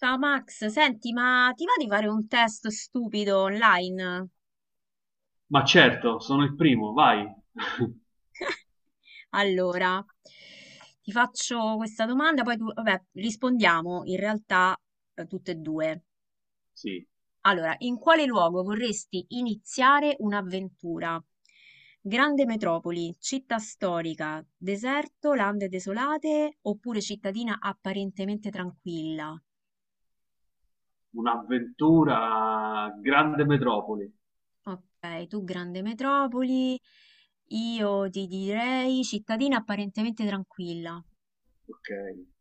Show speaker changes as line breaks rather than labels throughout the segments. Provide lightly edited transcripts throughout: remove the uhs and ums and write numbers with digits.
Ciao Max, senti, ma ti va di fare un test stupido online?
Ma certo, sono il primo, vai.
Allora, ti faccio questa domanda, poi tu, vabbè, rispondiamo in realtà tutte e due.
Sì,
Allora, in quale luogo vorresti iniziare un'avventura? Grande metropoli, città storica, deserto, lande desolate oppure cittadina apparentemente tranquilla?
un'avventura, grande metropoli.
Ok, tu grande metropoli, io ti direi cittadina apparentemente tranquilla.
Ok,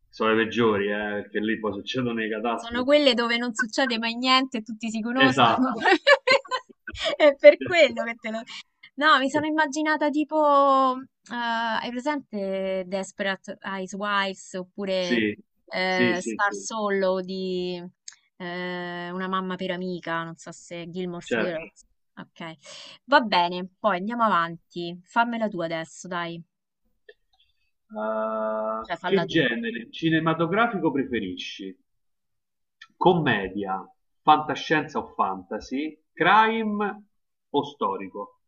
sono i peggiori, perché lì poi succedono le
Sono
catastrofi.
quelle dove non succede mai niente, e tutti si conoscono.
Esatto.
È per quello che te lo... No, mi sono immaginata tipo, hai presente Desperate Housewives oppure
Sì, sì, sì,
Star
sì,
Solo di Una mamma per amica, non so se Gilmore's
certo.
Girls. Ok, va bene, poi andiamo avanti. Fammela tu adesso, dai, cioè falla
Che
tu.
genere cinematografico preferisci? Commedia, fantascienza o fantasy, crime o storico?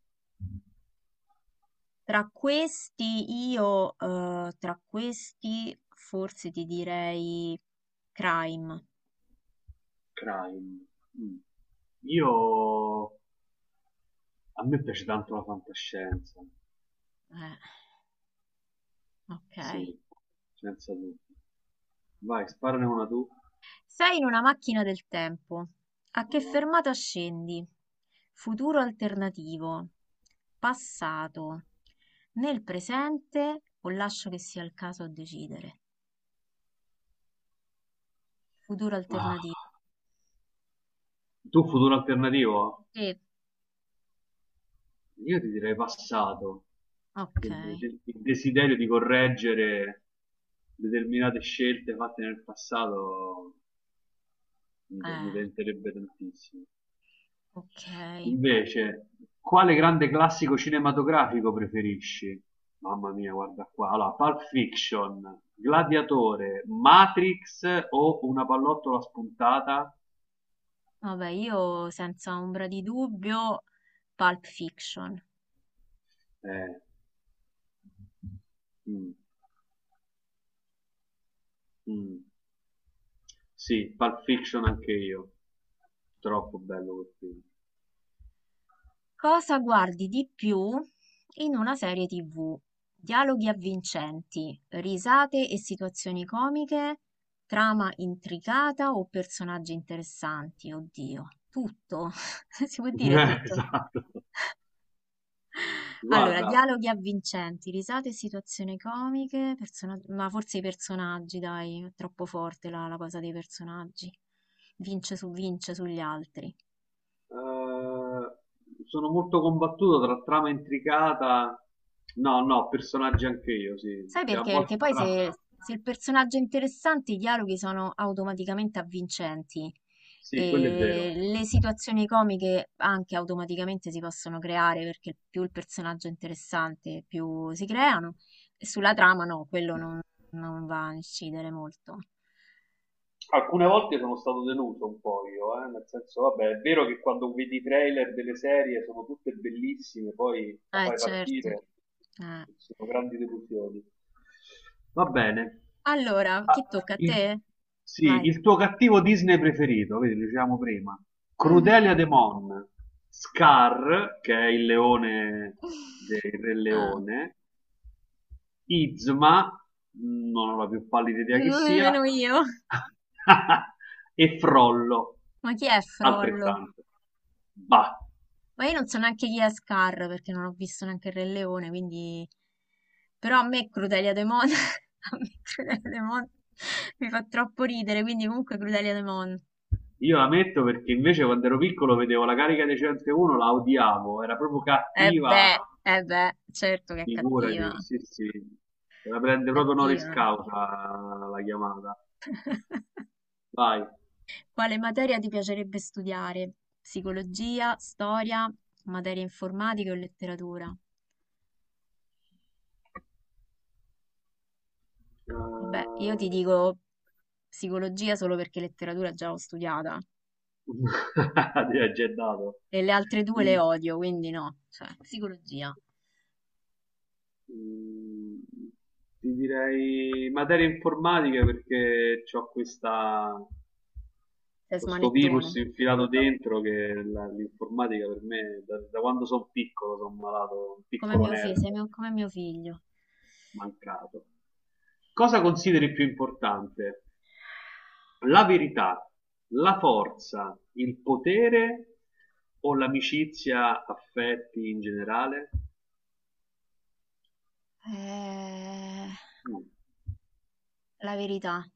Tra questi io, tra questi forse ti direi Crime.
Crime. Mm. Io a me piace tanto la fantascienza,
Eh, ok.
sì, senza dubbio. Vai, sparane una tu.
Sei in una macchina del tempo. A che
Madonna.
fermata scendi? Futuro alternativo. Passato. Nel presente o lascio che sia il caso a decidere? Futuro
Ah,
alternativo.
tu futuro alternativo?
Sì.
Io ti direi passato.
Ok.
Perché il desiderio di correggere determinate scelte fatte nel passato mi
Eh,
tenterebbe tantissimo.
ok.
Invece, quale grande classico cinematografico preferisci? Mamma mia, guarda qua. Allora, Pulp Fiction, Gladiatore, Matrix o una pallottola spuntata?
Vabbè, io senza ombra di dubbio, Pulp Fiction.
Eh, mm, mm. Sì, Pulp Fiction anche io. Troppo bello quel film.
Cosa guardi di più in una serie TV? Dialoghi avvincenti, risate e situazioni comiche, trama intricata o personaggi interessanti? Oddio, tutto, si può dire tutto.
Esatto.
Allora,
Guarda,
dialoghi avvincenti, risate e situazioni comiche, persona- ma forse i personaggi, dai, è troppo forte la cosa dei personaggi. Vince su vince sugli altri.
Sono molto combattuto tra trama intricata. No, no, personaggi anche io, sì,
Sai
perché a
perché? Perché
volte la
poi
trama.
se il personaggio è interessante, i dialoghi sono automaticamente avvincenti
Sì, quello è vero.
e le situazioni comiche anche automaticamente si possono creare perché più il personaggio è interessante, più si creano. E sulla trama no, quello non, non va a incidere molto.
Alcune volte sono stato deluso un po' io, nel senso, vabbè, è vero che quando vedi i trailer delle serie sono tutte bellissime, poi la fai
Certo.
partire,
Eh.
sono grandi delusioni. Va bene.
Allora, chi
Ah,
tocca a te? Vai.
sì, il tuo cattivo Disney preferito, vedi, lo dicevamo prima.
Mhm.
Crudelia de Mon, Scar, che è il leone del Re
Ah,
Leone, Yzma, non ho la più pallida idea che
non
sia,
nemmeno io.
e Frollo,
Ma chi è Frollo?
altrettanto. Bah,
Ma io non so neanche chi è Scar perché non ho visto neanche il Re Leone, quindi... Però a me Crudelia De Mon, a me Crudelia De Mon mi fa troppo ridere, quindi comunque Crudelia De Mon.
io la metto perché invece quando ero piccolo vedevo la carica 101, la odiavo, era proprio
Eh
cattiva,
beh, eh beh, certo che è cattiva,
figurati, sì sì, se la prende proprio honoris
cattiva.
causa la chiamata. Vai.
Quale materia ti piacerebbe studiare? Psicologia, storia, materie informatiche o letteratura? Vabbè, io ti dico psicologia solo perché letteratura già l'ho studiata.
Ti ha già dato.
E le altre due le
Mi-
odio, quindi no. Cioè, psicologia.
Mm, ti direi materie informatiche perché ho questa,
Sei
questo
smanettone.
virus infilato dentro che l'informatica per me, da quando sono piccolo, sono malato, un
Come
piccolo
mio figlio,
nerd
sei mio- come mio figlio.
mancato. Cosa consideri più importante? La verità, la forza, il potere o l'amicizia, affetti in generale?
Eh,
Mm,
la verità.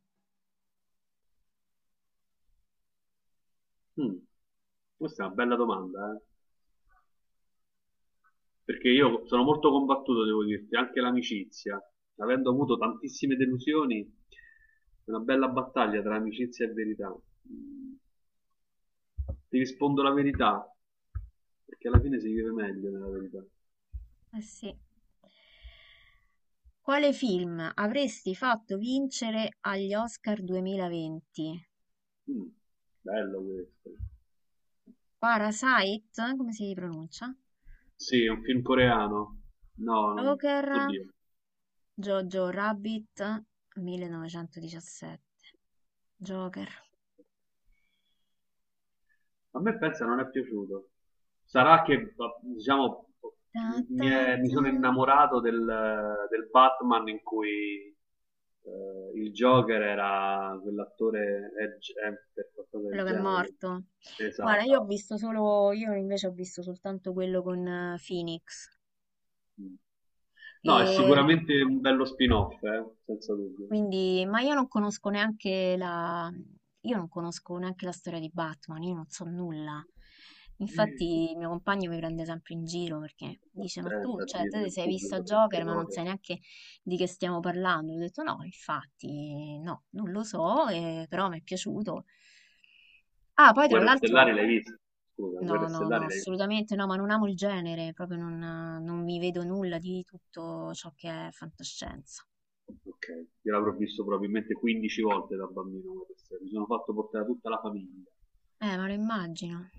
mm. Questa è una bella domanda, eh. Perché io sono molto combattuto, devo dirti, anche l'amicizia, avendo avuto tantissime delusioni, è una bella battaglia tra amicizia e verità. Ti rispondo la verità, perché alla fine si vive meglio nella verità.
Eh sì. Quale film avresti fatto vincere agli Oscar 2020?
Mm, bello questo.
Parasite, come si pronuncia?
Sì, è un film coreano. No, non.
Joker,
Oddio,
Jojo Rabbit, 1917. Joker.
a me pensa non è piaciuto. Sarà che, diciamo,
Ta
mi,
ta
è- mi
ta.
sono innamorato del Batman in cui il Joker era quell'attore Edge Hemper, qualcosa del
Quello che è
genere.
morto. Guarda,
Esatto.
io invece ho visto soltanto quello con Phoenix.
Mm. No, è
E
sicuramente un bello spin-off, senza dubbio.
quindi, ma io non conosco neanche la storia di Batman, io non so nulla. Infatti, il mio compagno mi prende sempre in giro perché dice: Ma tu,
Attenta a
cioè, te
dirle
ti
il
sei vista
pubblico
Joker,
certe
ma non
cose.
sai neanche di che stiamo parlando. Io Ho detto: No, infatti, no, non lo so, però mi è piaciuto. Ah, poi tra
Guerre Stellari
l'altro.
l'hai vista? Scusa,
No,
Guerre
no, no,
Stellari l'hai vista?
assolutamente no, ma non amo il genere, proprio non, non mi vedo nulla di tutto ciò che è fantascienza.
Ok, io l'avrò visto probabilmente 15 volte da bambino questa serie, mi sono fatto portare tutta la famiglia.
Ma lo immagino.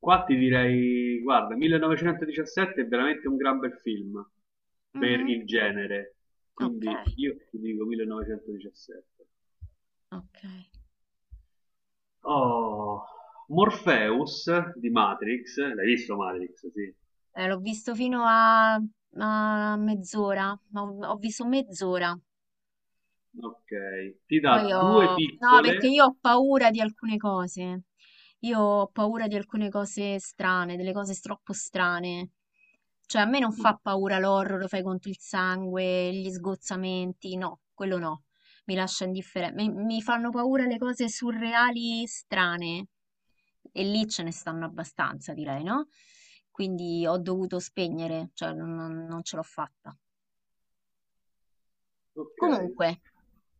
Qua ti direi, guarda, 1917 è veramente un gran bel film per
Mhm.
il genere,
Ok,
quindi io ti dico 1917.
ok.
Oh, Morpheus di Matrix, l'hai visto Matrix? Sì.
L'ho visto fino a mezz'ora, ma ho visto mezz'ora.
Ok, ti
Poi
dà due
ho... No, perché
piccole.
io ho paura di alcune cose. Io ho paura di alcune cose strane, delle cose troppo strane. Cioè a me non
mm,
fa paura l'horror, lo fai conto il sangue, gli sgozzamenti, no, quello no, mi lascia indifferente. Mi fanno paura le cose surreali, strane, e lì ce ne stanno abbastanza, direi, no? Quindi ho dovuto spegnere, cioè non- non ce l'ho fatta.
ok,
Comunque,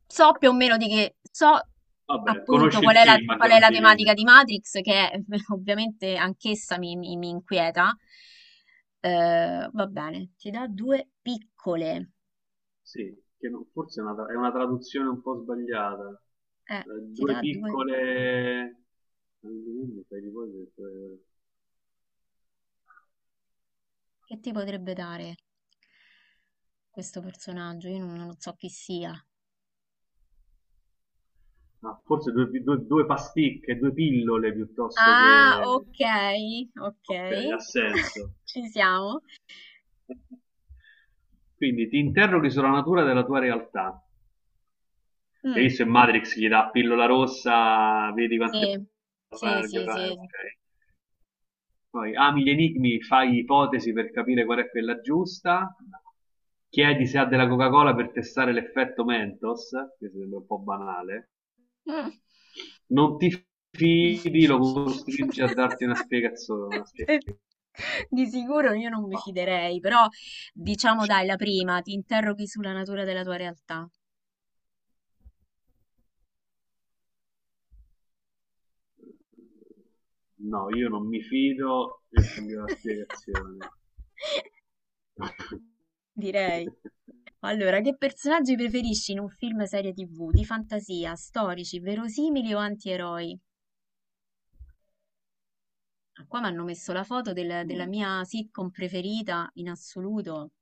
so più o meno di che, so
vabbè,
appunto
conosci il film a
qual è la
grandi
tematica
linee.
di Matrix, che è- ovviamente anch'essa mi inquieta. Va bene, ti dà due piccole.
Sì, che non- forse è una traduzione un po' sbagliata. Eh,
Ti
due
dà due...
piccole. Non mi viene, sai di cosa.
Che ti potrebbe dare questo personaggio? Io non so chi sia.
Ah, forse due pasticche, due pillole piuttosto
Ah,
che.
ok, ok.
Ok, ha senso.
Ci siamo.
Quindi ti interroghi sulla natura della tua realtà. E lì
Mm,
se Matrix gli dà pillola rossa, vedi
sì,
quante.
sì, sì, sì.
Ok. Poi ami gli enigmi, fai ipotesi per capire qual è quella giusta. Chiedi se ha della Coca-Cola per testare l'effetto Mentos, che sembra un po' banale.
Mm.
Non ti fidi, lo costringe a darti una spiegazione. Una spiegazione.
Di sicuro io non mi
Bah.
fiderei, però diciamo dai, la prima, ti interroghi sulla natura della tua realtà.
No, io non mi fido e voglio la spiegazione.
Direi. Allora, che personaggi preferisci in un film serie TV? Di fantasia, storici, verosimili o antieroi? Ah, qua mi hanno messo la foto del- della
Mm,
mia sitcom preferita in assoluto,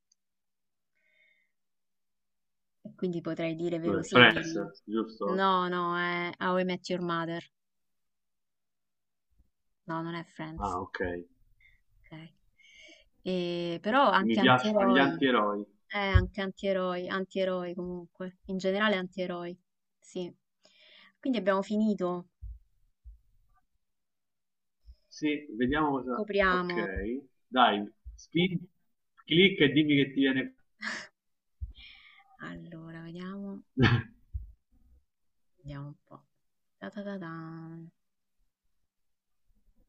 e quindi potrei dire
Dov'è?
verosimili.
Friends, giusto?
No, no, è How I Met Your Mother. No, non è Friends.
Ah, ok.
Ok. E- però
Mi
anche
piacciono gli
antieroi.
antieroi.
Anche antieroi, antieroi comunque. In generale antieroi. Sì. Quindi abbiamo finito.
Sì, vediamo cosa. Ok,
Copriamo.
dai, clicca e dimmi che ti viene.
Allora, vediamo. Vediamo un po'. Ta ta ta tan.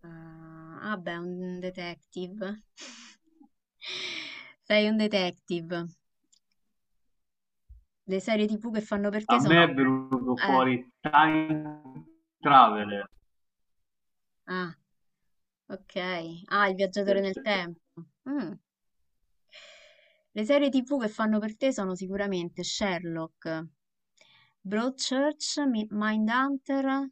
Ah, ah, beh, un detective. Sei un detective. Le serie TV che fanno per te
A me
sono...
è venuto
Eh,
fuori Time Traveler.
ah, ok. Ah, il viaggiatore nel tempo. Mm. Le serie TV che fanno per te sono sicuramente Sherlock, Broadchurch, Mi- Mindhunter,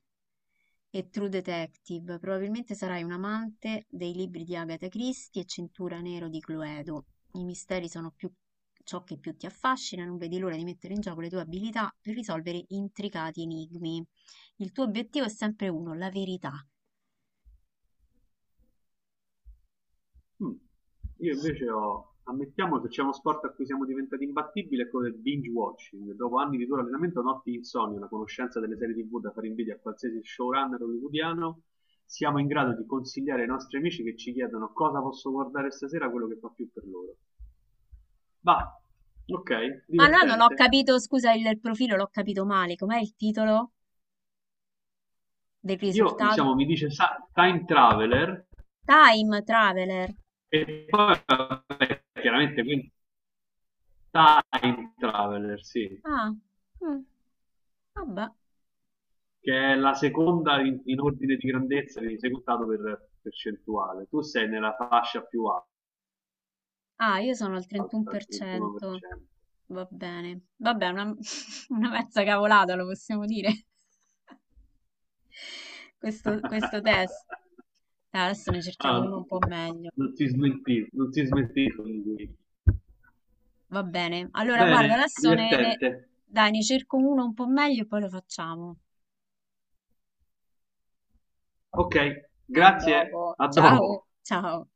e True Detective. Probabilmente sarai un amante dei libri di Agatha Christie e Cintura Nero di Cluedo. I misteri sono più ciò che più ti affascina, non vedi l'ora di mettere in gioco le tue abilità per risolvere intricati enigmi. Il tuo obiettivo è sempre uno, la verità.
Mm. Io invece ho. Ammettiamo che c'è uno sport a cui siamo diventati imbattibili, è quello del binge watching. Dopo anni di duro allenamento, notti di insonnia, la conoscenza delle serie TV da fare invidia a qualsiasi showrunner hollywoodiano, siamo in grado di consigliare ai nostri amici che ci chiedono cosa posso guardare stasera, quello che fa più per loro. Va, ok,
Ma allora non ho
divertente.
capito, scusa, il profilo l'ho capito male. Com'è il titolo del
Io, diciamo,
risultato?
mi dice Time Traveler
Time Traveler.
e poi, vabbè, chiaramente, quindi Time Traveler, sì,
Ah, mm, vabbè.
che è la seconda in ordine di grandezza, quindi secondato per percentuale. Tu sei nella fascia più alta,
Ah, io sono al
il
31%.
31%.
Va bene, vabbè, una, una mezza cavolata lo possiamo dire, questo test. Dai, adesso ne
Ah,
cerchiamo uno un po' meglio,
non si smentì, non si smentì con lui.
va bene. Allora, guarda,
Bene,
adesso
divertente.
dai, ne cerco uno un po' meglio e poi lo facciamo.
Ok,
A
grazie,
dopo,
a
ciao,
dopo.
ciao.